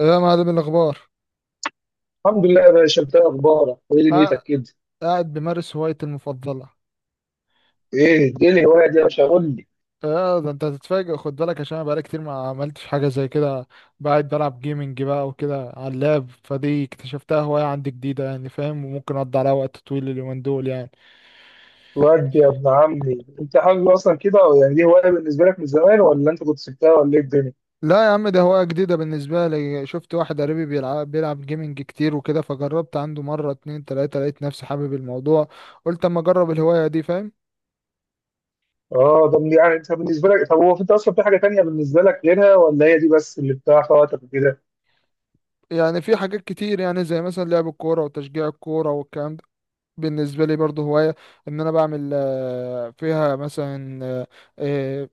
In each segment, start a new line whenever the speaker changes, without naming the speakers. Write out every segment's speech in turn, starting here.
إيه يا معلم الأخبار؟
الحمد لله يا باشا. انت ايه اخبارك وايه دنيتك
قاع-
كده؟
قاعد بمارس هوايتي المفضلة.
ايه الهوايه دي يا باشا، قول لي.
اه، ده انت هتتفاجئ، خد بالك عشان انا بقالي كتير ما عملتش حاجة زي كده. قاعد بلعب جيمنج بقى وكده على اللاب، فدي اكتشفتها هواية عندي جديدة يعني، فاهم؟ وممكن اقضي عليها وقت طويل اليومين دول يعني.
ودي يا ابن عمي، انت حابب اصلا كده، او يعني دي هوايه بالنسبه لك من زمان، ولا انت كنت سبتها، ولا ايه الدنيا؟
لا يا عم، ده هواية جديدة بالنسبة لي. شفت واحد قريبي بيلعب جيمنج كتير وكده، فجربت عنده مرة اتنين تلاتة، لقيت نفسي حابب الموضوع. قلت اما اجرب الهواية دي، فاهم؟
اه، طب يعني انت بالنسبه لك طب هو انت اصلا في حاجه تانية بالنسبه لك غيرها، ولا هي دي بس اللي بتاع وقتك وكده؟
يعني في حاجات كتير، يعني زي مثلا لعب الكورة وتشجيع الكورة والكلام، بالنسبة لي برضو هواية. إن أنا بعمل فيها مثلا، آه،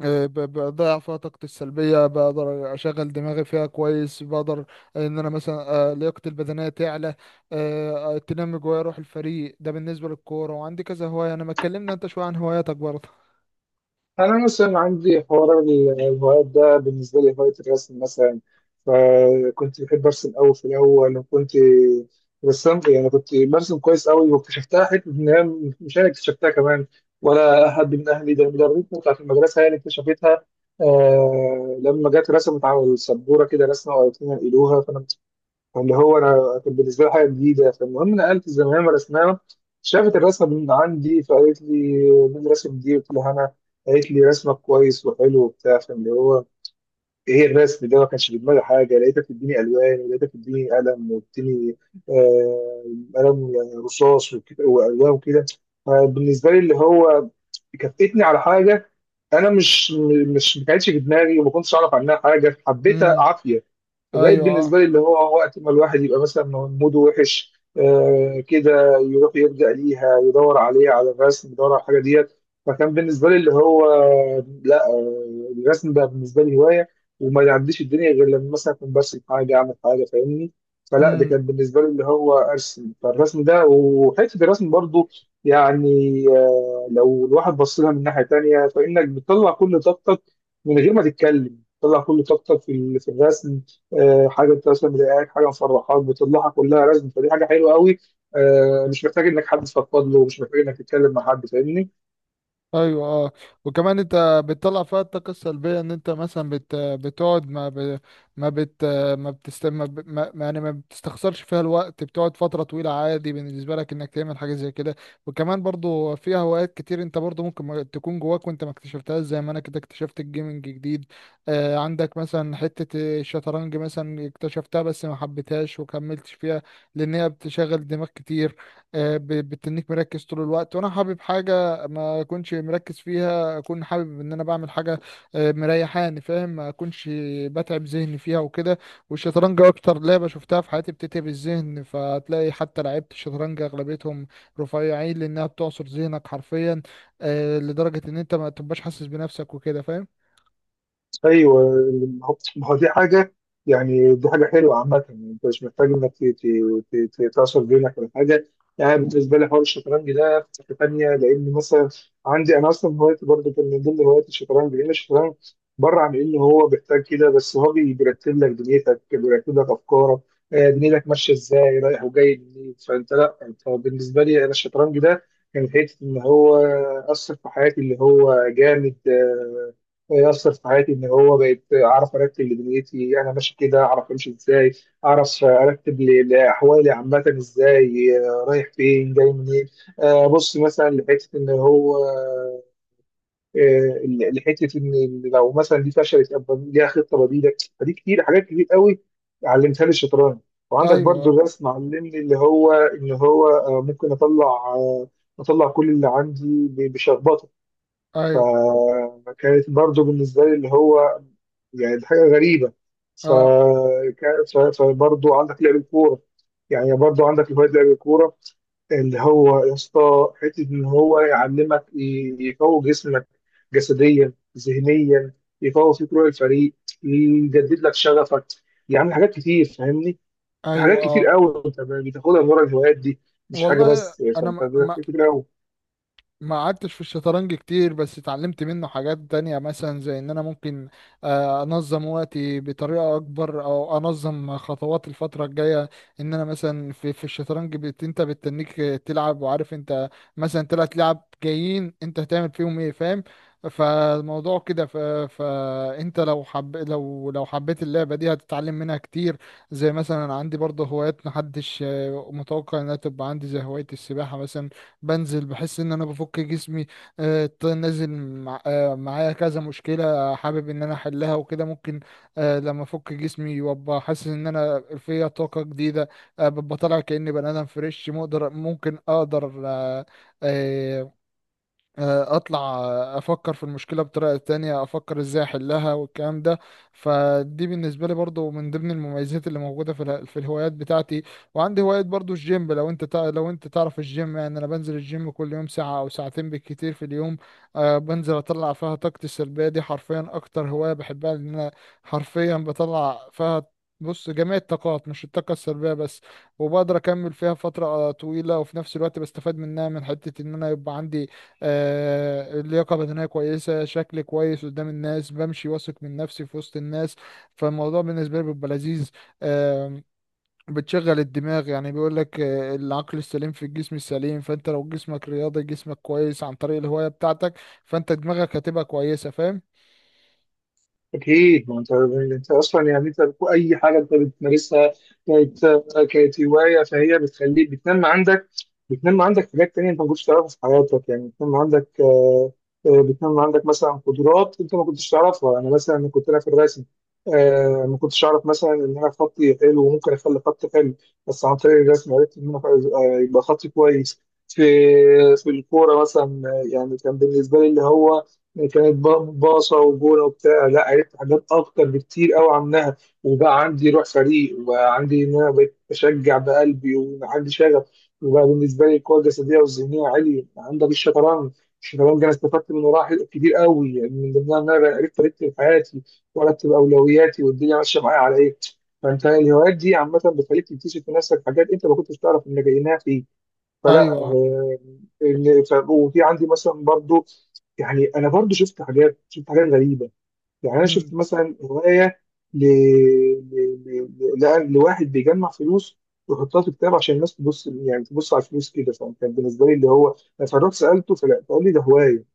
بضيع فيها طاقتي السلبية، بقدر أشغل دماغي فيها كويس، بقدر إن أنا مثلا، لياقتي البدنية تعلى، تنمي جوايا روح الفريق، ده بالنسبة للكورة. وعندي كذا هواية أنا. ما اتكلمنا أنت شوية عن هواياتك برضه؟
أنا مثلا عندي حوار الهوايات ده. بالنسبة لي هواية الرسم مثلا، فكنت بحب أرسم أوي في الأول، وكنت رسام، يعني كنت برسم كويس أوي. واكتشفتها حتة إن هي، مش أنا اكتشفتها كمان، ولا أحد من أهلي، ده المدرسة. بتاعت المدرسة هي اللي اكتشفتها. لما جت رسمت على السبورة كده رسمة، وقالت لنا نقلوها. اللي هو انا، كان بالنسبه لي حاجه جديده. فالمهم، نقلت الزمان رسمها، شافت الرسمه من عندي فقالت لي مين الرسم دي؟ قلت لها انا. قالت لي رسمك كويس وحلو وبتاع. فاللي هو، ايه الرسم ده؟ ما كانش في دماغي حاجه. لقيتها بتديني الوان، ولقيتها بتديني قلم، وبتديني آه قلم يعني رصاص، والوان، وكده. فبالنسبه لي اللي هو، كفتني على حاجه. انا مش مش ما كانتش في دماغي، وما كنتش اعرف عنها حاجه، حبيتها
امم.
عافيه. فبقيت
أيوه،
بالنسبه
أه.
لي اللي هو، وقت ما الواحد يبقى مثلا موده وحش كده، يروح يلجأ ليها، يدور عليها، على الرسم، يدور على الحاجه ديت. فكان بالنسبه لي اللي هو، لا، الرسم بقى بالنسبه لي هوايه. وما يعديش الدنيا غير لما مثلا اكون برسم حاجه، اعمل حاجه، فاهمني؟ فلا، ده
امم.
كان بالنسبه لي اللي هو ارسم. فالرسم ده، وحته الرسم برضو، يعني لو الواحد بص لها من ناحيه تانيه، فانك بتطلع كل طاقتك من غير ما تتكلم، بتطلع كل طاقتك في الرسم. حاجه انت مثلا مضايقاك، حاجه مفرحاك، بتطلعها كلها رزم. فدي حاجه حلوه قوي. مش محتاج انك حد تفضفض له، مش محتاج انك تتكلم مع حد، فاهمني؟
ايوه، اه. وكمان انت بتطلع فيها الطاقه السلبيه، ان انت مثلا بتقعد ما بت يعني ما بتستخسرش فيها الوقت، بتقعد فتره طويله عادي بالنسبه لك انك تعمل حاجه زي كده. وكمان برضو فيها هوايات كتير انت برضو ممكن ما تكون جواك وانت ما اكتشفتهاش، زي ما انا كده اكتشفت الجيمنج جديد. عندك مثلا حته الشطرنج، مثلا اكتشفتها بس ما حبيتهاش وكملتش فيها، لان هي بتشغل دماغ كتير. بتنيك مركز طول الوقت، وانا حابب حاجه ما اكونش مركز فيها، اكون حابب ان انا بعمل حاجه مريحاني، فاهم؟ ما اكونش بتعب ذهني فيها وكده. والشطرنج اكتر لعبه شفتها في حياتي بتتعب الذهن، فتلاقي حتى لعيبه الشطرنج اغلبيتهم رفيعين لانها بتعصر ذهنك حرفيا، لدرجه ان انت ما تبقاش حاسس بنفسك وكده، فاهم؟
ايوه، ما هو دي حاجه. يعني دي حاجه حلوه عامه. يعني انت مش محتاج انك تعصر بينك ولا حاجه. يعني بالنسبه لي حوار الشطرنج ده في حته ثانيه، لان مثلا عندي انا اصلا هوايتي برضه كان من ضمن هوايات الشطرنج. لان الشطرنج بره عن انه هو بيحتاج كده، بس هو بيرتب لك دنيتك، بيرتب لك افكارك، دنيتك ماشيه ازاي، رايح وجاي منين. فانت، لا انت بالنسبه لي انا الشطرنج ده كان حته ان هو اثر في حياتي اللي هو جامد. يأثر في حياتي إن هو بقيت أعرف أرتب لدنيتي أنا، ماشي كده، أعرف أمشي إزاي، أعرف أرتب لأحوالي عامة إزاي، رايح فين، جاي منين. بص مثلا لحتة إن هو، آه، لحتة إن لو مثلا دي فشلت أبقى ليها خطة بديلة. فدي حاجات كتير قوي علمتها لي الشطرنج. وعندك برضو
ايوه.
الرسم، علمني اللي هو إن هو ممكن آه، أطلع كل اللي عندي بشخبطة. ف-
ايوه،
كانت برضو بالنسبة لي اللي هو، يعني دي حاجه غريبه. ف...
اه.
فبرضه عندك لعب الكوره. يعني برضه عندك هوايه لعب الكوره اللي هو يا اسطى، حته ان هو يعلمك، يقوي جسمك جسديا ذهنيا، يقوي فيك روح الفريق، يجدد لك شغفك، يعني حاجات كتير، فاهمني؟ في حاجات
ايوه،
كتير
اه.
قوي انت بتاخدها من ورا الهوايات دي، مش حاجه
والله
بس يعني،
انا
فانت حاجات كتير قوي.
ما قعدتش في الشطرنج كتير، بس اتعلمت منه حاجات تانية، مثلا زي ان انا ممكن انظم وقتي بطريقة اكبر، او انظم خطوات الفترة الجاية. ان انا مثلا في الشطرنج انت بتتنيك تلعب وعارف انت مثلا 3 لعب جايين انت هتعمل فيهم ايه، فاهم؟ فالموضوع كده فانت لو حب لو لو حبيت اللعبة دي هتتعلم منها كتير. زي مثلا عندي برضه هوايات محدش متوقع انها تبقى عندي، زي هواية السباحة مثلا. بنزل بحس ان انا بفك جسمي، نازل، معايا كذا مشكلة حابب ان انا احلها وكده. ممكن لما افك جسمي وابقى حاسس ان انا فيا طاقة جديدة، ببقى طالع كأني بني ادم فريش، مقدر ممكن اقدر آه، اطلع، افكر في المشكله بطريقه تانية، افكر ازاي احلها والكلام ده. فدي بالنسبه لي برضو من ضمن المميزات اللي موجوده في في الهوايات بتاعتي. وعندي هوايه برضو الجيم، لو انت تعرف الجيم يعني، انا بنزل الجيم كل يوم ساعه او ساعتين بالكتير في اليوم. أه بنزل اطلع فيها طاقتي السلبيه دي حرفيا، اكتر هوايه بحبها لان انا حرفيا بطلع فيها، بص، جميع الطاقات مش الطاقة السلبية بس. وبقدر أكمل فيها فترة طويلة، وفي نفس الوقت بستفاد منها من حتة إن أنا يبقى عندي اللياقة بدنية كويسة، شكل كويس قدام الناس، بمشي واثق من نفسي في وسط الناس، فالموضوع بالنسبة لي بيبقى لذيذ. آم، بتشغل الدماغ، يعني بيقول لك العقل السليم في الجسم السليم، فانت لو جسمك رياضي جسمك كويس عن طريق الهواية بتاعتك، فانت دماغك هتبقى كويسة، فاهم؟
اكيد، ما انت اصلا، يعني انت اي حاجه انت بتمارسها كانت كانت هوايه، فهي بتخليك، بتنمي عندك حاجات تانية انت ما كنتش تعرفها في حياتك. يعني بتنمي عندك مثلا قدرات انت ما كنتش تعرفها. انا مثلا لما كنت انا في الرسم، ما كنتش اعرف مثلا ان انا خطي حلو وممكن اخلي خطي حلو، بس عن طريق الرسم عرفت ان انا، يبقى خطي كويس. في في الكوره مثلا، يعني كان بالنسبه لي اللي هو، يعني كانت باصة وجونة وبتاع، لا عرفت حاجات أكتر بكتير أوي عنها. وبقى عندي روح فريق، وبقى عندي إن أنا بقيت بشجع بقلبي وعندي شغف، وبقى بالنسبة لي القوة الجسدية والذهنية عالية. عندك الشطرنج، الشطرنج أنا استفدت من وراها كتير أوي، يعني من ضمنها إن أنا عرفت أرتب حياتي وأرتب أولوياتي والدنيا ماشية معايا على إيه. فأنت الهوايات دي عامة بتخليك تكتشف في نفسك حاجات أنت ما كنتش تعرف إنك جايناها فيك. فلا،
ايوه.
وفي عندي مثلا برضو، يعني انا برضو شفت حاجات غريبه. يعني انا
امم.
شفت مثلا هوايه ل... ل... ل... لواحد بيجمع فلوس ويحطها في كتاب عشان الناس تبص، يعني تبص على الفلوس كده، فكان بالنسبه لي اللي هو انا فرحت سالته، فلا، فقال لي ده هوايه.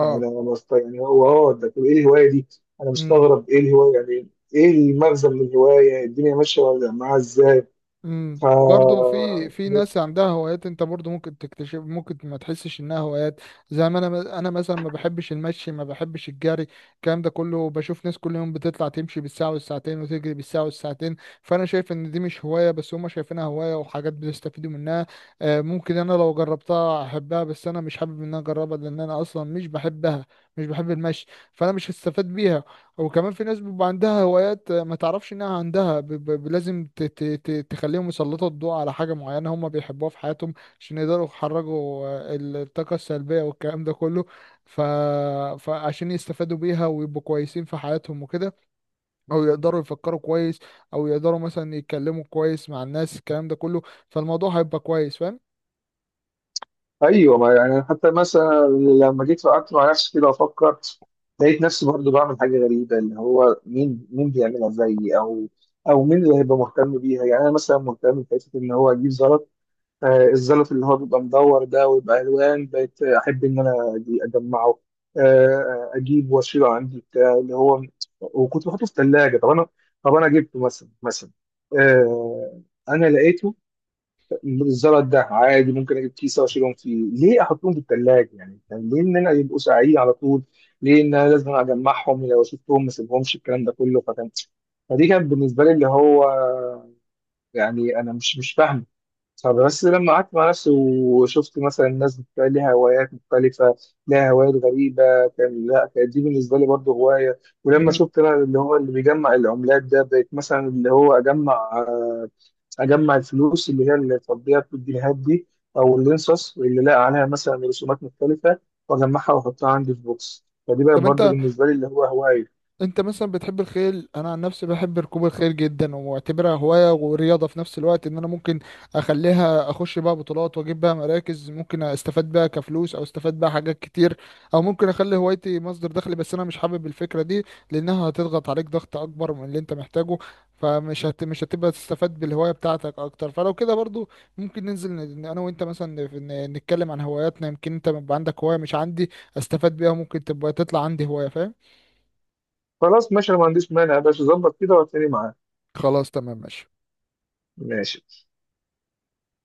يعني يعني هو، ده طب ايه الهوايه دي؟ انا
مم.
مستغرب، ايه الهوايه يعني؟ ايه المغزى من الهوايه؟ الدنيا ماشيه ولا معاها ازاي؟
امم.
ف
وبرضه في ناس عندها هوايات انت برضه ممكن تكتشف، ممكن ما تحسش انها هوايات. زي ما انا مثلا ما بحبش المشي، ما بحبش الجري، الكلام ده كله. بشوف ناس كل يوم بتطلع تمشي بالساعة والساعتين، وتجري بالساعة والساعتين. فانا شايف ان دي مش هواية، بس هما شايفينها هواية وحاجات بيستفيدوا منها. ممكن انا لو جربتها احبها، بس انا مش حابب ان انا اجربها، لان انا اصلا مش بحبها، مش بحب المشي، فانا مش هستفاد بيها. وكمان في ناس بيبقى عندها هوايات ما تعرفش انها عندها، لازم تخليهم يسلطوا الضوء على حاجة معينة هم بيحبوها في حياتهم، عشان يقدروا يخرجوا الطاقة السلبية والكلام ده كله، ف... فعشان يستفادوا بيها ويبقوا كويسين في حياتهم وكده، او يقدروا يفكروا كويس، او يقدروا مثلا يتكلموا كويس مع الناس، الكلام ده كله، فالموضوع هيبقى كويس، فاهم؟
ايوه، ما يعني حتى مثلا لما جيت قعدت مع نفسي كده افكر، لقيت نفسي برضو بعمل حاجه غريبه اللي هو مين بيعملها زيي، او مين اللي هيبقى مهتم بيها. يعني انا مثلا مهتم بحته ان هو اجيب زلط. الزلط اللي هو بيبقى مدور ده ويبقى الوان، بقيت احب ان انا اجمعه. اجيب واشيله عندي بتاع اللي هو، وكنت بحطه في الثلاجه. طب انا جبته مثلا، آه انا لقيته الزلط ده عادي. ممكن اجيب كيسه واشيلهم فيه، ليه احطهم في الثلاجه؟ يعني ليه ان انا يبقوا ساقعين على طول؟ ليه ان انا لازم اجمعهم؟ يعني لو شفتهم ما سيبهمش، الكلام ده كله. فدي كانت بالنسبه لي اللي هو، يعني انا مش فاهم. فبس لما قعدت مع نفسي وشفت مثلا الناس بتبقى ليها هوايات مختلفه، لها هوايات غريبه، كان لا كانت دي بالنسبه لي برضه هوايه. ولما
مم.
شفت انا اللي هو اللي بيجمع العملات ده، بقيت مثلا اللي هو اجمع الفلوس اللي هي اللي تقضيها في الجنيهات دي، او الانصص، واللي لاقي عليها مثلا رسومات مختلفه، واجمعها واحطها عندي في بوكس. فدي بقى
طب
برضه
انت،
بالنسبه لي اللي هو هوايه.
انت مثلا بتحب الخيل؟ انا عن نفسي بحب ركوب الخيل جدا، ومعتبرها هواية ورياضة في نفس الوقت. ان انا ممكن اخليها اخش بيها بطولات واجيب بيها مراكز، ممكن استفاد بيها كفلوس او استفاد بيها حاجات كتير. او ممكن اخلي هوايتي مصدر دخل، بس انا مش حابب الفكرة دي لانها هتضغط عليك ضغط اكبر من اللي انت محتاجه، مش هتبقى تستفاد بالهواية بتاعتك اكتر. فلو كده برضو ممكن ننزل انا وانت مثلا نتكلم عن هواياتنا، يمكن انت يبقى عندك هواية مش عندي استفاد بيها، ممكن تبقى تطلع عندي هواية، فاهم؟
خلاص ماشي، انا ما عنديش مانع يا باشا. ظبط كده وهتلاقيني معاك.
خلاص تمام، ماشي.
ماشي.